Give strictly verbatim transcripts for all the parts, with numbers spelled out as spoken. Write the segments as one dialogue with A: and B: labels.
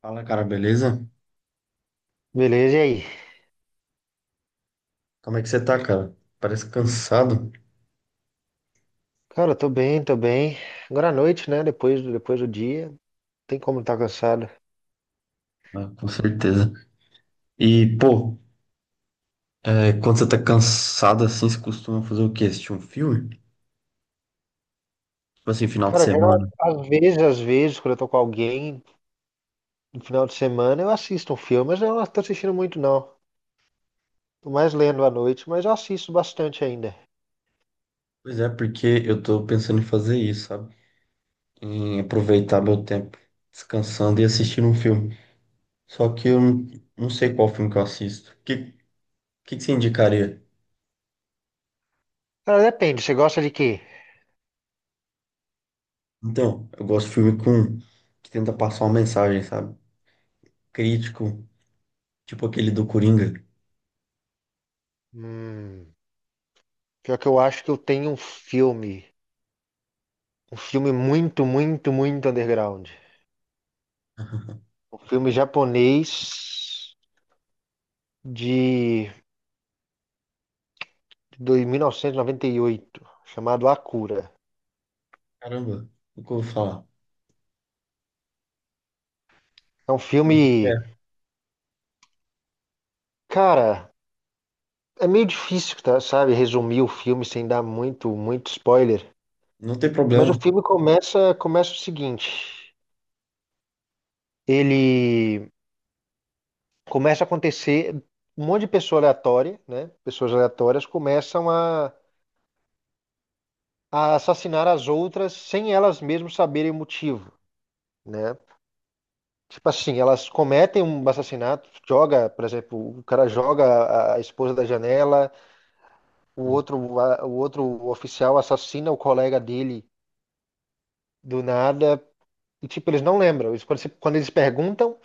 A: Fala, cara, beleza?
B: Beleza, e aí?
A: Como é que você tá, cara? Parece cansado.
B: Cara, tô bem, tô bem. Agora à noite, né? Depois, do- depois do dia, não tem como estar tá cansado.
A: Ah, com certeza. E, pô, é, quando você tá cansado assim, você costuma fazer o quê? Assistir um filme? Tipo assim, final de
B: Cara, geral,
A: semana.
B: às vezes, às vezes, quando eu tô com alguém no final de semana, eu assisto um filme, mas eu não tô assistindo muito, não. Tô mais lendo à noite, mas eu assisto bastante ainda.
A: Pois é, porque eu tô pensando em fazer isso, sabe? Em aproveitar meu tempo descansando e assistindo um filme. Só que eu não, não sei qual filme que eu assisto. O que, que, que você indicaria?
B: Cara, depende, você gosta de quê?
A: Então, eu gosto de filme com, que tenta passar uma mensagem, sabe? Crítico, tipo aquele do Coringa.
B: Hum, pior que eu acho que eu tenho um filme, um filme muito, muito, muito underground. Um filme japonês de de mil novecentos e noventa e oito, chamado Akira.
A: Caramba, nunca ouvi falar.
B: É um
A: Sobre o que que
B: filme.
A: é?
B: Cara, é meio difícil, tá, sabe, resumir o filme sem dar muito, muito spoiler.
A: Não tem
B: Mas
A: problema.
B: o filme começa, começa o seguinte: ele começa a acontecer. Um monte de pessoa aleatória, né? Pessoas aleatórias começam a, a assassinar as outras sem elas mesmas saberem o motivo, né? Tipo assim, elas cometem um assassinato, joga, por exemplo, o cara joga a- a esposa da janela, o
A: Que
B: outro, a- o outro oficial assassina o colega dele do nada. E, tipo, eles não lembram. Eles- Quando, se- quando eles perguntam,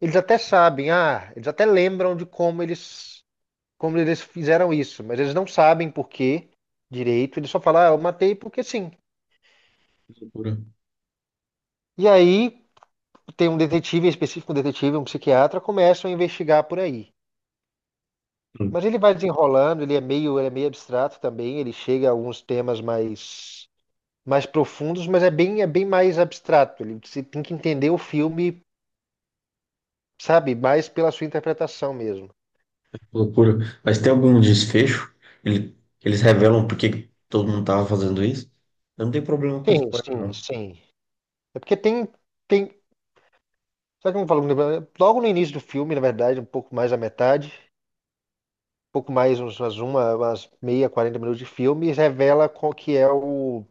B: eles até sabem, ah, eles até lembram de como eles, como eles fizeram isso, mas eles não sabem por quê direito. Eles só falam, ah, eu matei porque sim.
A: loucura.
B: E aí tem um detetive em específico, um detetive, um psiquiatra, começam a investigar por aí.
A: Hum, que
B: Mas ele vai desenrolando, ele é meio, ele é meio abstrato também, ele chega a alguns temas mais, mais profundos, mas é bem, é bem mais abstrato. Ele, você tem que entender o filme, sabe, mais pela sua interpretação mesmo.
A: Loucura. Mas tem algum desfecho? Ele- Eles revelam por que que todo mundo tava fazendo isso? Eu não tenho problema com
B: Sim,
A: spoiler,
B: sim,
A: não.
B: sim. É porque tem, tem, sabe como eu falo, né, logo no início do filme, na verdade, um pouco mais da metade, um pouco mais, uns- umas uma, umas meia, quarenta minutos de filme, revela qual que é o,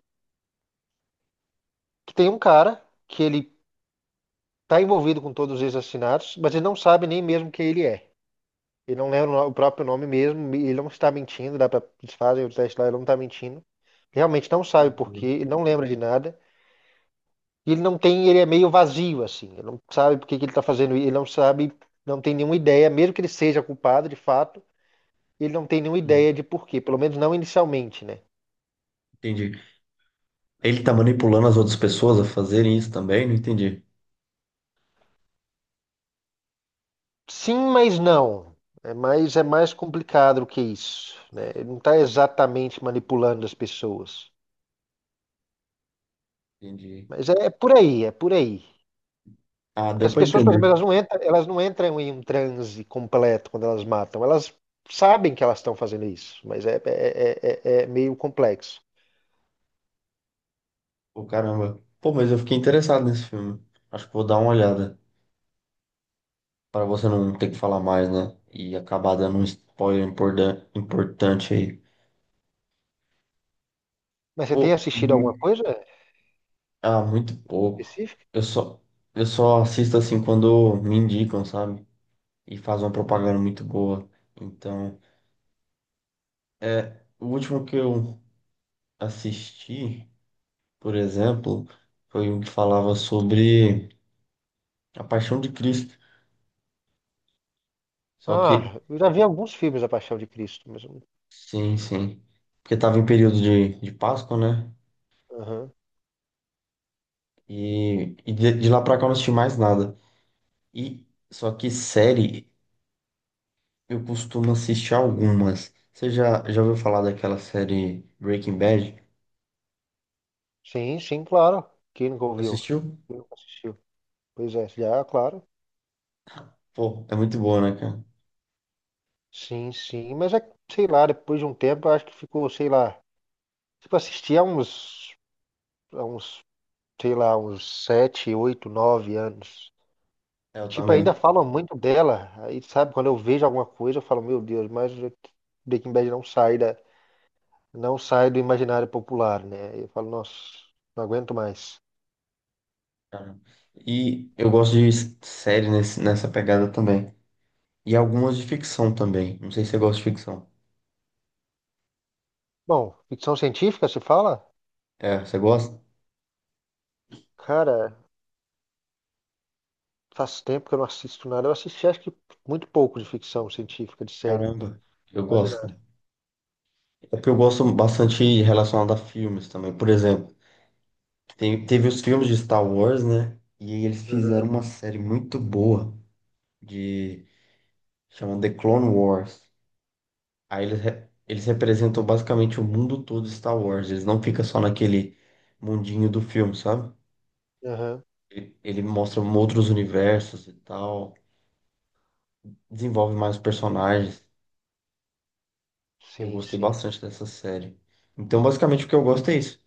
B: que tem um cara que ele tá envolvido com todos esses assassinatos, mas ele não sabe nem mesmo quem ele é. Ele não lembra o no- o próprio nome mesmo, e ele não está mentindo, dá pra, eles fazem o teste lá, ele não tá mentindo. Realmente não
A: Que
B: sabe por
A: loucura.
B: quê, ele não lembra de nada. E ele não tem, ele é meio vazio, assim. Ele não sabe por que que ele está fazendo isso, ele não sabe, não tem nenhuma ideia, mesmo que ele seja culpado de fato, ele não tem nenhuma
A: Hum,
B: ideia de porquê, pelo menos não inicialmente, né?
A: Entendi. Ele tá manipulando as outras pessoas a fazerem isso também? Não entendi.
B: Sim, mas não. É mais, é mais complicado do que isso, né? Ele não está exatamente manipulando as pessoas.
A: Entendi.
B: Mas é, é por aí, é por aí.
A: Ah,
B: Porque
A: deu
B: as
A: pra
B: pessoas, por
A: entender.
B: exemplo, elas não entram, elas não entram em um transe completo quando elas matam. Elas sabem que elas estão fazendo isso, mas é, é, é, é é meio complexo.
A: Pô, caramba. Pô, mas eu fiquei interessado nesse filme. Acho que vou dar uma olhada. Pra você não ter que falar mais, né? E acabar dando um spoiler importan- importante aí.
B: Mas você tem
A: Pô, e
B: assistido alguma coisa
A: Ah, muito pouco.
B: específica?
A: Eu só, eu só assisto assim quando me indicam, sabe? E faz uma propaganda
B: Hum.
A: muito boa. Então, é, o último que eu assisti, por exemplo, foi um que falava sobre a Paixão de Cristo. Só que,
B: Ah, eu já vi alguns filmes da Paixão de Cristo, mas... eu
A: sim, sim. Porque tava em período de, de Páscoa, né?
B: Aham.
A: E, e de, de lá pra cá eu não assisti mais nada. E só que série, eu costumo assistir algumas. Você já, já ouviu falar daquela série Breaking Bad?
B: Sim, sim, claro. Quem nunca
A: Já
B: ouviu?
A: assistiu?
B: Quem nunca assistiu? Pois é, já, claro.
A: Pô, é muito boa, né, cara?
B: Sim, sim, mas é, que, sei lá, depois de um tempo, eu acho que ficou, sei lá... Tipo, assisti há uns, há uns, sei lá, uns sete, oito, nove anos.
A: É, eu
B: Tipo,
A: também.
B: ainda falam muito dela. Aí, sabe, quando eu vejo alguma coisa, eu falo, meu Deus, mas Breaking Bad não sai da, não sai do imaginário popular, né? Eu falo, nossa, não aguento mais.
A: Cara, e eu gosto de s- série nesse, nessa pegada também. E algumas de ficção também. Não sei se você gosta de ficção.
B: Bom, ficção científica, se fala?
A: É, você gosta?
B: Cara, faz tempo que eu não assisto nada. Eu assisti, acho que muito pouco de ficção científica, de série.
A: Caramba, eu
B: Quase
A: gosto,
B: nada.
A: cara. É porque eu gosto bastante relacionado a filmes também. Por exemplo, tem- teve os filmes de Star Wars, né? E eles fizeram
B: Aham,
A: uma série muito boa de... Chama The Clone Wars. Aí eles, re- eles representam basicamente o mundo todo de Star Wars. Eles não ficam só naquele mundinho do filme, sabe?
B: aham.
A: Ele, ele mostra um outros universos e tal. Desenvolve mais personagens. Eu
B: Sim,
A: gostei
B: sim.
A: bastante dessa série. Então, basicamente, o que eu gosto é isso.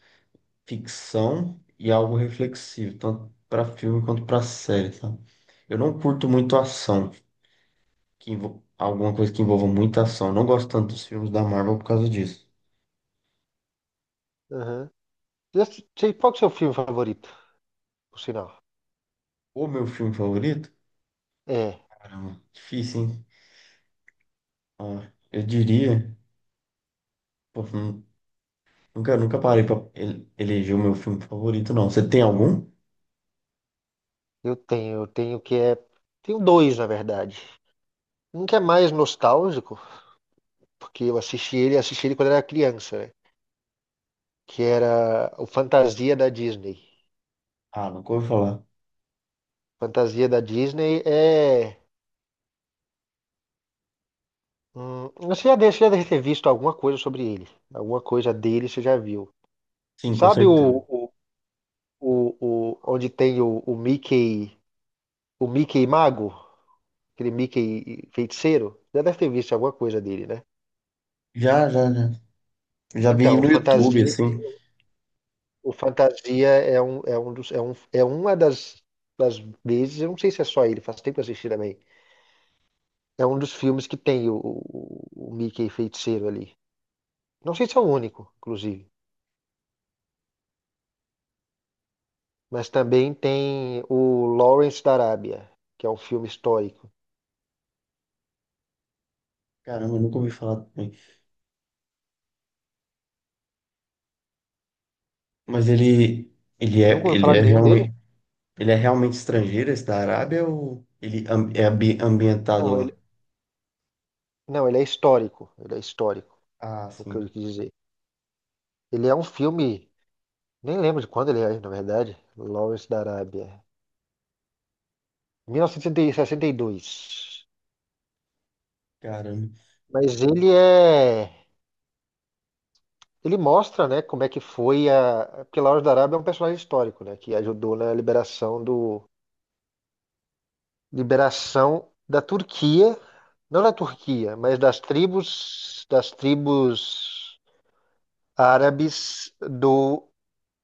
A: Ficção e algo reflexivo, tanto pra filme quanto pra série, sabe? Eu não curto muito ação, que envol- alguma coisa que envolva muita ação. Eu não gosto tanto dos filmes da Marvel por causa disso.
B: Aham. E esse- sei- Qual que é o seu filme favorito, por sinal?
A: O meu filme favorito?
B: É,
A: Caramba, difícil, hein? Ah, eu diria. Pô, hum, nunca, nunca parei pra ele- eleger o meu filme favorito, não. Você tem algum?
B: eu tenho, eu tenho que é. Tenho dois, na verdade. Um que é mais nostálgico, porque eu assisti ele, assisti ele quando era criança, né? Que era o Fantasia da Disney.
A: Ah, nunca ouvi falar.
B: Fantasia da Disney é. Hum, você já deve, você já deve ter visto alguma coisa sobre ele. Alguma coisa dele você já viu.
A: Sim, com
B: Sabe o,
A: certeza.
B: o, o, o- onde tem o, o Mickey, o Mickey Mago? Aquele Mickey feiticeiro? Já deve ter visto alguma coisa dele, né?
A: Já, já, já. Já vi
B: Então, o
A: no YouTube,
B: Fantasia,
A: assim.
B: o Fantasia é um, é um dos, é um, é uma das, das vezes, eu não sei se é só ele, faz tempo que eu assisti também. É um dos filmes que tem o, o, o Mickey feiticeiro ali. Não sei se é o único, inclusive. Mas também tem o Lawrence da Arábia, que é um filme histórico.
A: Caramba, eu nunca ouvi falar também. Mas ele, ele é,
B: Nunca ouviu
A: ele
B: falar
A: é
B: de nenhum deles?
A: realmente, ele é realmente estrangeiro, esse da Arábia, ou ele am- é ambi- ambientado
B: Não,
A: lá?
B: ele, não, ele é histórico. Ele é histórico,
A: Ah,
B: o que
A: sim.
B: eu quis dizer. Ele é um filme, nem lembro de quando ele é, na verdade. Lawrence da Arábia. mil novecentos e sessenta e dois.
A: Caramba,
B: Mas ele é. Ele mostra, né, como é que foi a. Porque Lawrence da Arábia é um personagem histórico, né, que ajudou na liberação do. Liberação da Turquia não da Turquia, mas das tribos, das tribos árabes do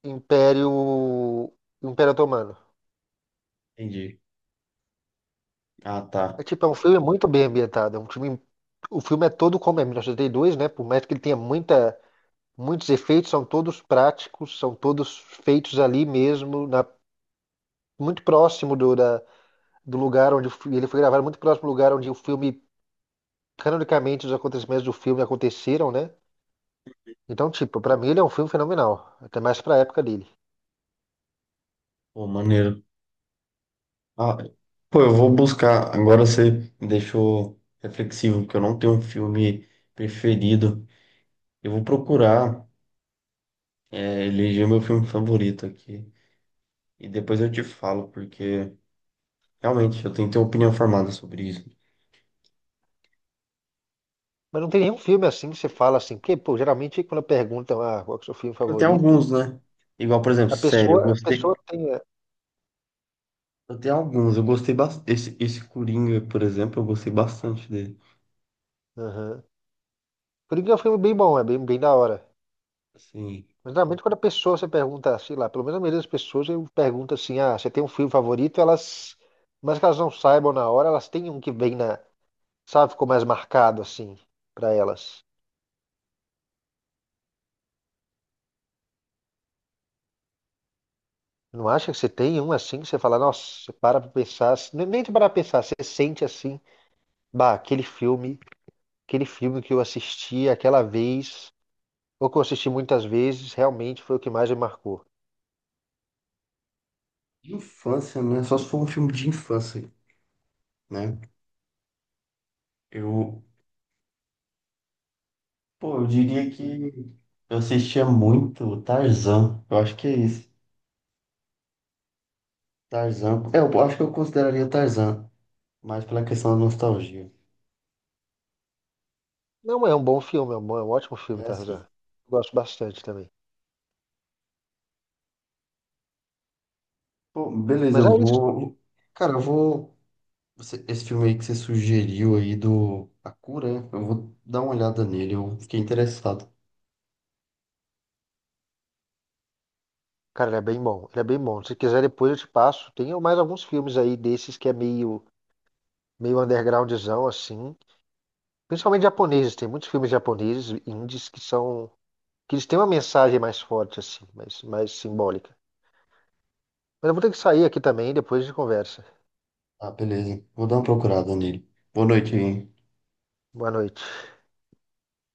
B: Império, Império Otomano.
A: entendi. Ah, tá.
B: É tipo, é um filme muito bem ambientado, é um filme, o filme é todo como é mil novecentos e oitenta e dois, né? Por mais que ele tenha muita, muitos efeitos, são todos práticos, são todos feitos ali mesmo, na, muito próximo do, da, do lugar onde o fi- ele foi gravado, muito próximo do lugar onde o filme, canonicamente, os acontecimentos do filme aconteceram, né? Então, tipo, pra mim ele é um filme fenomenal, até mais pra época dele.
A: Pô, maneiro. Ah, pô, eu vou buscar. Agora você me deixou reflexivo, porque eu não tenho um filme preferido. Eu vou procurar, é, eleger meu filme favorito aqui. E depois eu te falo, porque realmente eu tenho que ter opinião formada sobre isso.
B: Mas não tem nenhum filme assim que você fala assim, porque, pô, geralmente quando perguntam ah, qual que é o seu filme
A: Eu tenho
B: favorito,
A: alguns, né? Igual, por exemplo,
B: a
A: sério, eu
B: pessoa, a
A: gostei.
B: pessoa tem. É,
A: Eu tenho alguns, eu gostei bastante. Esse, esse Coringa, por exemplo, eu gostei bastante dele.
B: aham. Coringa é um filme bem bom, é bem, bem da hora.
A: Assim,
B: Mas geralmente quando a pessoa você pergunta, sei lá, pelo menos a maioria das pessoas eu pergunto assim, ah, você tem um filme favorito, elas. Mas que elas não saibam na hora, elas têm um que vem na. Sabe, ficou mais marcado assim, pra elas. Não acha que você tem um assim que você fala, nossa, você para pra pensar, assim, nem nem de parar pra pensar, você sente assim, bah, aquele filme. Aquele filme que eu assisti aquela vez, ou que eu assisti muitas vezes, realmente foi o que mais me marcou.
A: de infância, né? Só se for um filme de infância, né? Eu, pô, eu diria que. Eu assistia muito Tarzan. Eu acho que é isso. Tarzan. É, eu acho que eu consideraria Tarzan, mas pela questão da nostalgia.
B: Não é um bom filme, é um, bom- é um ótimo
A: É
B: filme, Tarzan.
A: assim.
B: Eu gosto bastante também.
A: Pô, beleza,
B: Mas
A: eu
B: é isso.
A: vou. Cara, eu vou. você- Esse filme aí que você sugeriu aí do A Cura, né? Eu vou dar uma olhada nele. Eu fiquei interessado.
B: Cara, ele é bem bom. Ele é bem bom. Se quiser, depois eu te passo. Tem mais alguns filmes aí desses que é meio, meio undergroundzão, assim. Principalmente japoneses. Tem muitos filmes japoneses, indies, que são... Que eles têm uma mensagem mais forte, assim, mais, mais simbólica. Mas eu vou ter que sair aqui também, depois a gente conversa.
A: Ah, beleza. Vou dar uma procurada nele. Boa noite, hein?
B: Boa noite.